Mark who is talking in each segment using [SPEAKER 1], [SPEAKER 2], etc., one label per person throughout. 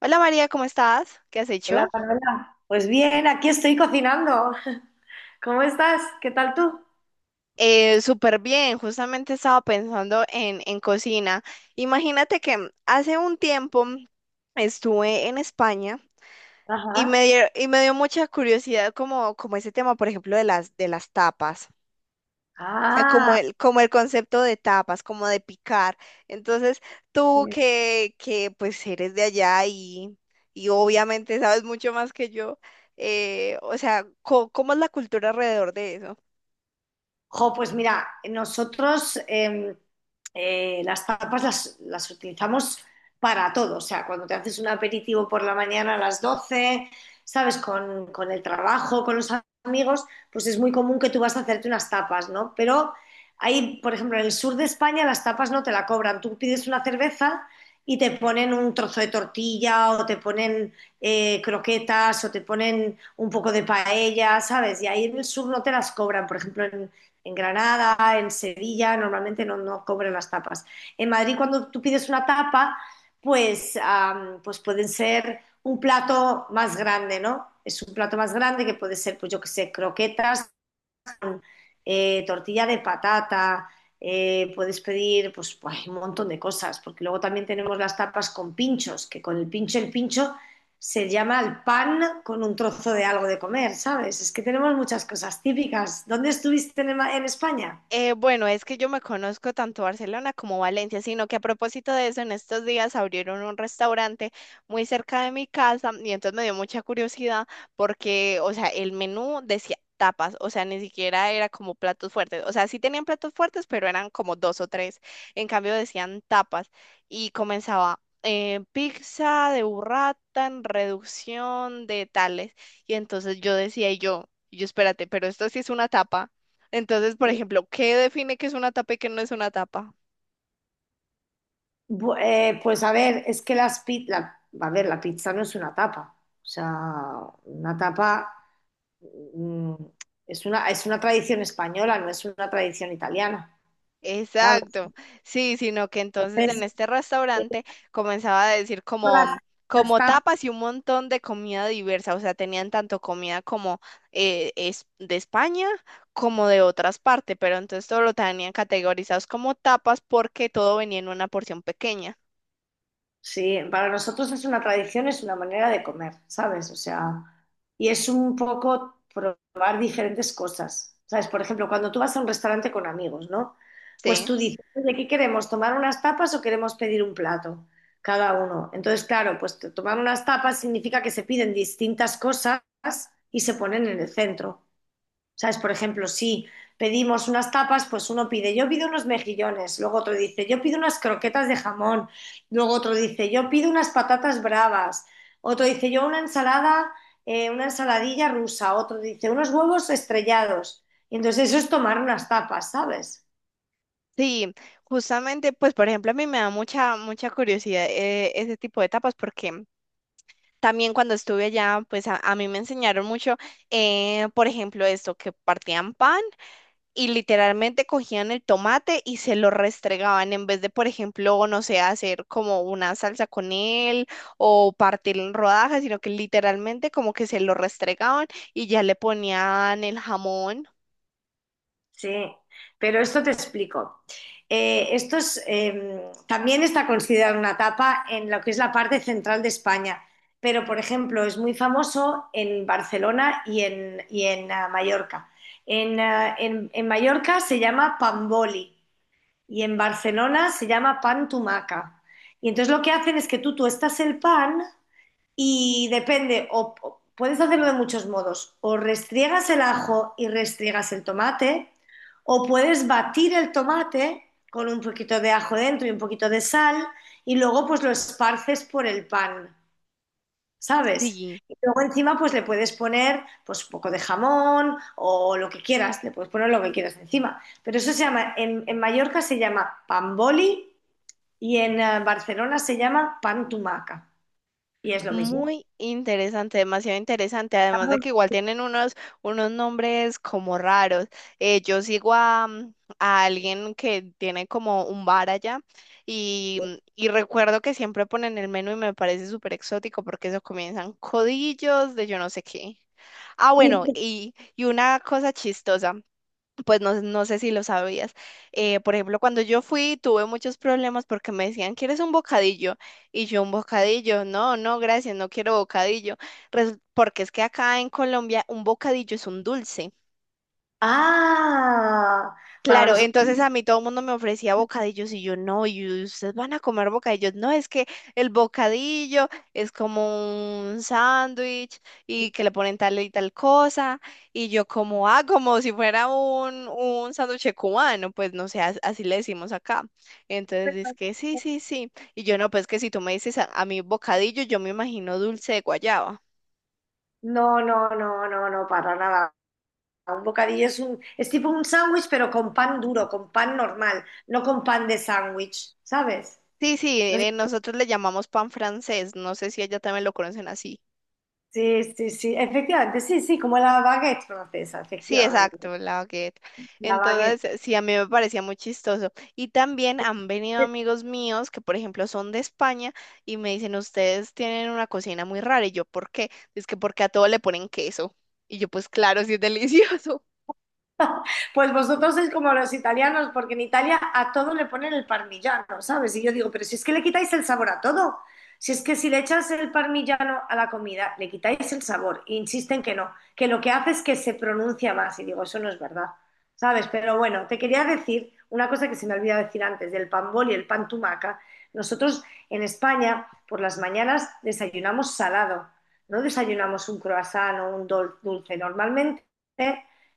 [SPEAKER 1] Hola María, ¿cómo estás? ¿Qué has
[SPEAKER 2] Hola,
[SPEAKER 1] hecho?
[SPEAKER 2] Manuela. Pues bien, aquí estoy cocinando. ¿Cómo estás? ¿Qué tal tú?
[SPEAKER 1] Súper bien, justamente estaba pensando en cocina. Imagínate que hace un tiempo estuve en España y
[SPEAKER 2] Ajá.
[SPEAKER 1] me dio mucha curiosidad como ese tema, por ejemplo, de las tapas. O sea,
[SPEAKER 2] Ah,
[SPEAKER 1] como el concepto de tapas, como de picar. Entonces, tú que pues eres de allá y obviamente sabes mucho más que yo, o sea, ¿cómo es la cultura alrededor de eso?
[SPEAKER 2] jo, pues mira, nosotros las tapas las utilizamos para todo. O sea, cuando te haces un aperitivo por la mañana a las 12, ¿sabes? Con el trabajo, con los amigos, pues es muy común que tú vas a hacerte unas tapas, ¿no? Pero ahí, por ejemplo, en el sur de España las tapas no te la cobran. Tú pides una cerveza y te ponen un trozo de tortilla o te ponen croquetas o te ponen un poco de paella, ¿sabes? Y ahí en el sur no te las cobran. Por ejemplo, en Granada, en Sevilla, normalmente no cobran las tapas. En Madrid, cuando tú pides una tapa, pues pueden ser un plato más grande, ¿no? Es un plato más grande que puede ser, pues yo qué sé, croquetas, tortilla de patata, puedes pedir pues un montón de cosas, porque luego también tenemos las tapas con pinchos, que con el pincho se llama el pan con un trozo de algo de comer, ¿sabes? Es que tenemos muchas cosas típicas. ¿Dónde estuviste en España?
[SPEAKER 1] Bueno, es que yo me conozco tanto Barcelona como Valencia, sino que a propósito de eso, en estos días abrieron un restaurante muy cerca de mi casa y entonces me dio mucha curiosidad porque, o sea, el menú decía tapas, o sea, ni siquiera era como platos fuertes, o sea, sí tenían platos fuertes, pero eran como dos o tres, en cambio decían tapas y comenzaba pizza de burrata en reducción de tales y entonces yo decía y yo espérate, pero esto sí es una tapa. Entonces, por ejemplo, ¿qué define que es una tapa y qué no es una tapa?
[SPEAKER 2] Pues a ver, es que a ver, la pizza no es una tapa, o sea, una tapa mm, es una tradición española, no es una tradición italiana, ¿sabes?
[SPEAKER 1] Exacto, sí, sino que entonces en
[SPEAKER 2] Entonces,
[SPEAKER 1] este restaurante comenzaba a decir como,
[SPEAKER 2] Las- las
[SPEAKER 1] como
[SPEAKER 2] tapas,
[SPEAKER 1] tapas y un montón de comida diversa, o sea, tenían tanto comida como de España como de otras partes, pero entonces todo lo tenían categorizados como tapas porque todo venía en una porción pequeña,
[SPEAKER 2] sí, para nosotros es una tradición, es una manera de comer, ¿sabes? O sea, y es un poco probar diferentes cosas, ¿sabes? Por ejemplo, cuando tú vas a un restaurante con amigos, ¿no? Pues
[SPEAKER 1] ¿sí?
[SPEAKER 2] tú dices, ¿de qué queremos? ¿Tomar unas tapas o queremos pedir un plato? Cada uno. Entonces, claro, tomar unas tapas significa que se piden distintas cosas y se ponen en el centro. ¿Sabes? Por ejemplo, si pedimos unas tapas, pues uno pide, yo pido unos mejillones, luego otro dice, yo pido unas croquetas de jamón, luego otro dice, yo pido unas patatas bravas, otro dice, yo una ensalada, una ensaladilla rusa, otro dice, unos huevos estrellados. Y entonces eso es tomar unas tapas, ¿sabes?
[SPEAKER 1] Sí, justamente, pues por ejemplo, a mí me da mucha curiosidad ese tipo de tapas porque... También cuando estuve allá, pues a mí me enseñaron mucho, por ejemplo, esto, que partían pan y literalmente cogían el tomate y se lo restregaban en vez de, por ejemplo, no sé, hacer como una salsa con él o partirlo en rodajas, sino que literalmente como que se lo restregaban y ya le ponían el jamón.
[SPEAKER 2] Sí, pero esto te explico. También está considerado una tapa en lo que es la parte central de España, pero por ejemplo es muy famoso en Barcelona y en Mallorca. En Mallorca se llama pamboli y en Barcelona se llama pan tumaca. Y entonces lo que hacen es que tú tuestas el pan y depende, o puedes hacerlo de muchos modos, o restriegas el ajo y restriegas el tomate, o puedes batir el tomate con un poquito de ajo dentro y un poquito de sal y luego pues lo esparces por el pan, ¿sabes?
[SPEAKER 1] Sí.
[SPEAKER 2] Y luego encima pues le puedes poner pues un poco de jamón o lo que quieras, le puedes poner lo que quieras encima. Pero eso se llama, en Mallorca se llama pan boli y en Barcelona se llama pan tumaca. Y es lo mismo.
[SPEAKER 1] Muy interesante, demasiado interesante. Además de que igual tienen unos, unos nombres como raros. Yo sigo a alguien que tiene como un bar allá y, y recuerdo que siempre ponen el menú y me parece súper exótico porque eso comienzan codillos de yo no sé qué. Ah, bueno,
[SPEAKER 2] Sí.
[SPEAKER 1] y una cosa chistosa pues no, no sé si lo sabías. Por ejemplo, cuando yo fui tuve muchos problemas porque me decían, ¿quieres un bocadillo? Y yo un bocadillo, no, no, gracias, no quiero bocadillo. Porque es que acá en Colombia un bocadillo es un dulce.
[SPEAKER 2] Ah, para
[SPEAKER 1] Claro,
[SPEAKER 2] nosotros.
[SPEAKER 1] entonces a mí todo el mundo me ofrecía bocadillos y yo no, y ustedes van a comer bocadillos. No, es que el bocadillo es como un sándwich y que le ponen tal y tal cosa. Y yo como, ah, como si fuera un sándwich cubano, pues no sé, así le decimos acá. Entonces dice que sí, sí, sí. Y yo no, pues que si tú me dices a mí bocadillo, yo me imagino dulce de guayaba.
[SPEAKER 2] No, no, no, no, no, para nada. Un bocadillo es un, es tipo un sándwich, pero con pan duro, con pan normal, no con pan de sándwich, ¿sabes?
[SPEAKER 1] Sí, sí,
[SPEAKER 2] No sé-
[SPEAKER 1] nosotros le llamamos pan francés, no sé si ella también lo conocen así.
[SPEAKER 2] Sí, sí, sí, efectivamente, sí, sí, como la baguette francesa,
[SPEAKER 1] Sí,
[SPEAKER 2] efectivamente,
[SPEAKER 1] exacto, la baguette.
[SPEAKER 2] la baguette.
[SPEAKER 1] Entonces, sí, a mí me parecía muy chistoso. Y también han venido amigos míos que, por ejemplo, son de España y me dicen, ustedes tienen una cocina muy rara. Y yo, ¿por qué? Es que porque a todo le ponen queso. Y yo, pues claro, sí es delicioso.
[SPEAKER 2] Pues vosotros sois como los italianos, porque en Italia a todo le ponen el parmigiano, ¿sabes? Y yo digo, pero si es que le quitáis el sabor a todo, si es que si le echas el parmigiano a la comida, le quitáis el sabor, e insisten que no, que lo que hace es que se pronuncia más, y digo, eso no es verdad, ¿sabes? Pero bueno, te quería decir una cosa que se me olvidó decir antes, del pan bol y el pan tumaca. Nosotros en España por las mañanas desayunamos salado, no desayunamos un croissant o un dulce, normalmente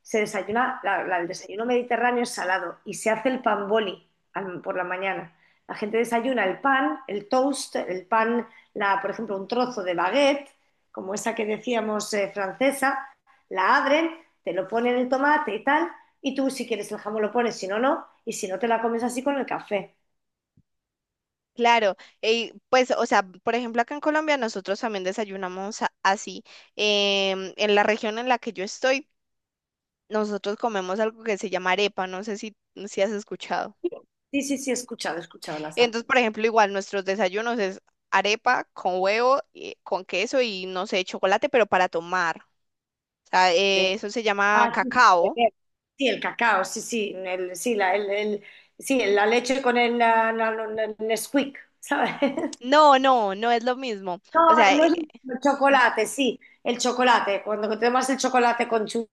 [SPEAKER 2] se desayuna, el desayuno mediterráneo es salado y se hace el pan boli por la mañana. La gente desayuna el pan, el toast, el pan, la, por ejemplo, un trozo de baguette, como esa que decíamos francesa, la abren, te lo ponen el tomate y tal, y tú si quieres el jamón lo pones, si no, no, y si no te la comes así con el café.
[SPEAKER 1] Claro, y pues, o sea, por ejemplo, acá en Colombia nosotros también desayunamos así. En la región en la que yo estoy, nosotros comemos algo que se llama arepa. No sé si has escuchado.
[SPEAKER 2] Sí, sí, sí, he escuchado las
[SPEAKER 1] Entonces, por
[SPEAKER 2] sándwiches.
[SPEAKER 1] ejemplo, igual nuestros desayunos es arepa con huevo, con queso y no sé, chocolate, pero para tomar. O sea, eso se llama
[SPEAKER 2] Ah, sí,
[SPEAKER 1] cacao.
[SPEAKER 2] beber. Sí, el cacao, sí, sí, sí, la leche con el, la- la- el Nesquik, ¿sabes?
[SPEAKER 1] No, no, no es lo mismo. O
[SPEAKER 2] No,
[SPEAKER 1] sea,
[SPEAKER 2] no es el chocolate, sí, el chocolate. Cuando tenemos el chocolate con churros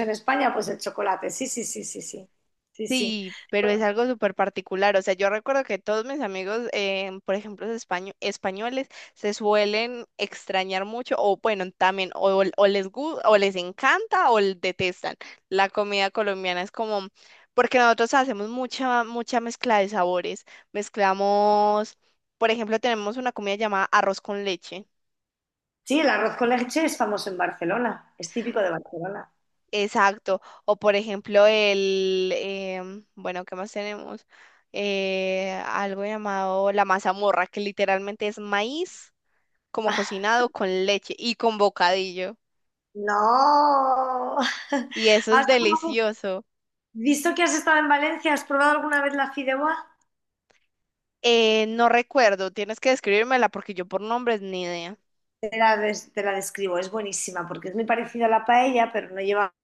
[SPEAKER 2] en España, pues el chocolate, sí, sí, sí, sí, sí, sí, sí.
[SPEAKER 1] sí, pero es algo súper particular. O sea, yo recuerdo que todos mis amigos, por ejemplo, los españoles, se suelen extrañar mucho o bueno, también o les o les encanta o detestan. La comida colombiana es como, porque nosotros hacemos mucha mezcla de sabores. Mezclamos, por ejemplo, tenemos una comida llamada arroz con leche.
[SPEAKER 2] Sí, el arroz con leche es famoso en Barcelona, es típico de Barcelona.
[SPEAKER 1] Exacto. O por ejemplo, el, bueno, ¿qué más tenemos? Algo llamado la mazamorra, que literalmente es maíz como cocinado con leche y con bocadillo.
[SPEAKER 2] No,
[SPEAKER 1] Y eso es
[SPEAKER 2] ¿has
[SPEAKER 1] delicioso.
[SPEAKER 2] visto que has estado en Valencia? ¿Has probado alguna vez la fideuá?
[SPEAKER 1] No recuerdo, tienes que describírmela porque yo por nombres ni idea.
[SPEAKER 2] Te la, te la describo, es buenísima porque es muy parecida a la paella, pero no lleva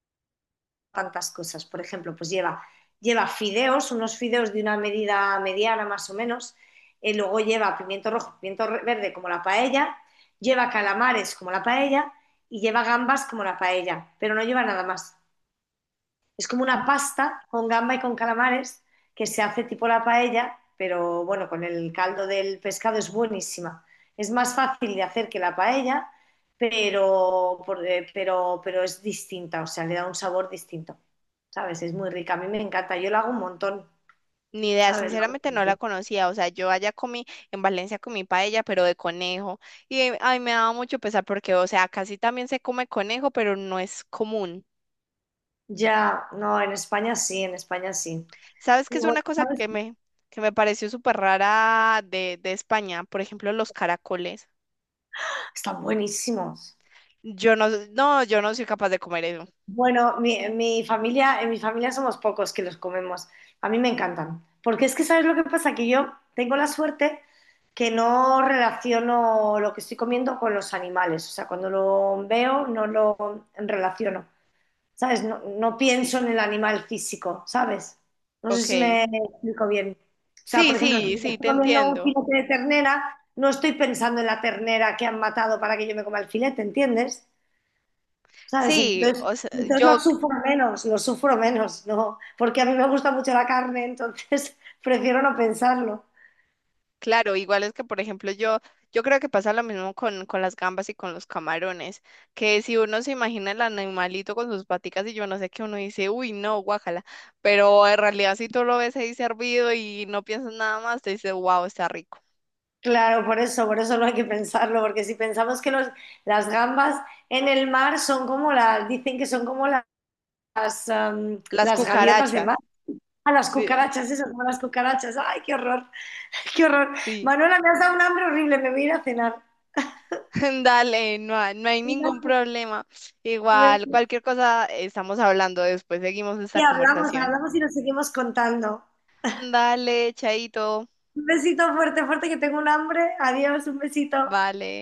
[SPEAKER 2] tantas cosas. Por ejemplo, pues lleva, lleva fideos, unos fideos de una medida mediana más o menos, luego lleva pimiento rojo, pimiento verde como la paella, lleva calamares como la paella y lleva gambas como la paella, pero no lleva nada más. Es como
[SPEAKER 1] Mm.
[SPEAKER 2] una pasta con gamba y con calamares que se hace tipo la paella, pero bueno, con el caldo del pescado es buenísima. Es más fácil de hacer que la paella, pero, pero es distinta, o sea, le da un sabor distinto, ¿sabes? Es muy rica, a mí me encanta, yo la hago un montón,
[SPEAKER 1] Ni idea,
[SPEAKER 2] ¿sabes? La hago
[SPEAKER 1] sinceramente
[SPEAKER 2] un
[SPEAKER 1] no la
[SPEAKER 2] montón.
[SPEAKER 1] conocía. O sea, yo allá comí, en Valencia comí paella, pero de conejo. Y ay, me daba mucho pesar porque, o sea, casi también se come conejo, pero no es común.
[SPEAKER 2] Ya, no, en España sí, en España sí.
[SPEAKER 1] ¿Sabes
[SPEAKER 2] Y
[SPEAKER 1] qué es
[SPEAKER 2] bueno,
[SPEAKER 1] una cosa
[SPEAKER 2] ¿sabes?
[SPEAKER 1] que que me pareció súper rara de España? Por ejemplo, los caracoles.
[SPEAKER 2] Están buenísimos.
[SPEAKER 1] Yo no, no, yo no soy capaz de comer eso.
[SPEAKER 2] Bueno, mi familia, en mi familia somos pocos que los comemos. A mí me encantan. Porque es que, ¿sabes lo que pasa? Que yo tengo la suerte que no relaciono lo que estoy comiendo con los animales. O sea, cuando lo veo, no lo relaciono. ¿Sabes? No pienso en el animal físico, ¿sabes? No sé si
[SPEAKER 1] Ok.
[SPEAKER 2] me explico bien. O sea,
[SPEAKER 1] Sí,
[SPEAKER 2] por ejemplo, si
[SPEAKER 1] sí,
[SPEAKER 2] me
[SPEAKER 1] sí,
[SPEAKER 2] estoy
[SPEAKER 1] te
[SPEAKER 2] comiendo un
[SPEAKER 1] entiendo.
[SPEAKER 2] filete de ternera, no estoy pensando en la ternera que han matado para que yo me coma el filete, ¿entiendes? ¿Sabes?
[SPEAKER 1] Sí,
[SPEAKER 2] Entonces,
[SPEAKER 1] o sea,
[SPEAKER 2] entonces lo sufro menos, ¿no? Porque a mí me gusta mucho la carne, entonces prefiero no pensarlo.
[SPEAKER 1] claro, igual es que, por ejemplo, yo creo que pasa lo mismo con las gambas y con los camarones, que si uno se imagina el animalito con sus paticas y yo no sé qué, uno dice, uy, no, guácala, pero en realidad si tú lo ves ahí servido y no piensas nada más, te dice, wow, está rico.
[SPEAKER 2] Claro, por eso no hay que pensarlo, porque si pensamos que los, las gambas en el mar son como las, dicen que son como
[SPEAKER 1] Las
[SPEAKER 2] las gaviotas de
[SPEAKER 1] cucarachas.
[SPEAKER 2] mar. A las
[SPEAKER 1] Sí,
[SPEAKER 2] cucarachas, eso, como las cucarachas. ¡Ay, qué horror! ¡Qué horror!
[SPEAKER 1] sí.
[SPEAKER 2] Manuela, me has dado un hambre horrible, me voy a ir a cenar.
[SPEAKER 1] Dale, no, no hay ningún problema. Igual, cualquier cosa estamos hablando después, seguimos
[SPEAKER 2] Y
[SPEAKER 1] esta
[SPEAKER 2] hablamos,
[SPEAKER 1] conversación.
[SPEAKER 2] hablamos y nos seguimos contando.
[SPEAKER 1] Dale, chaito.
[SPEAKER 2] Un besito fuerte, fuerte, que tengo un hambre. Adiós, un besito.
[SPEAKER 1] Vale.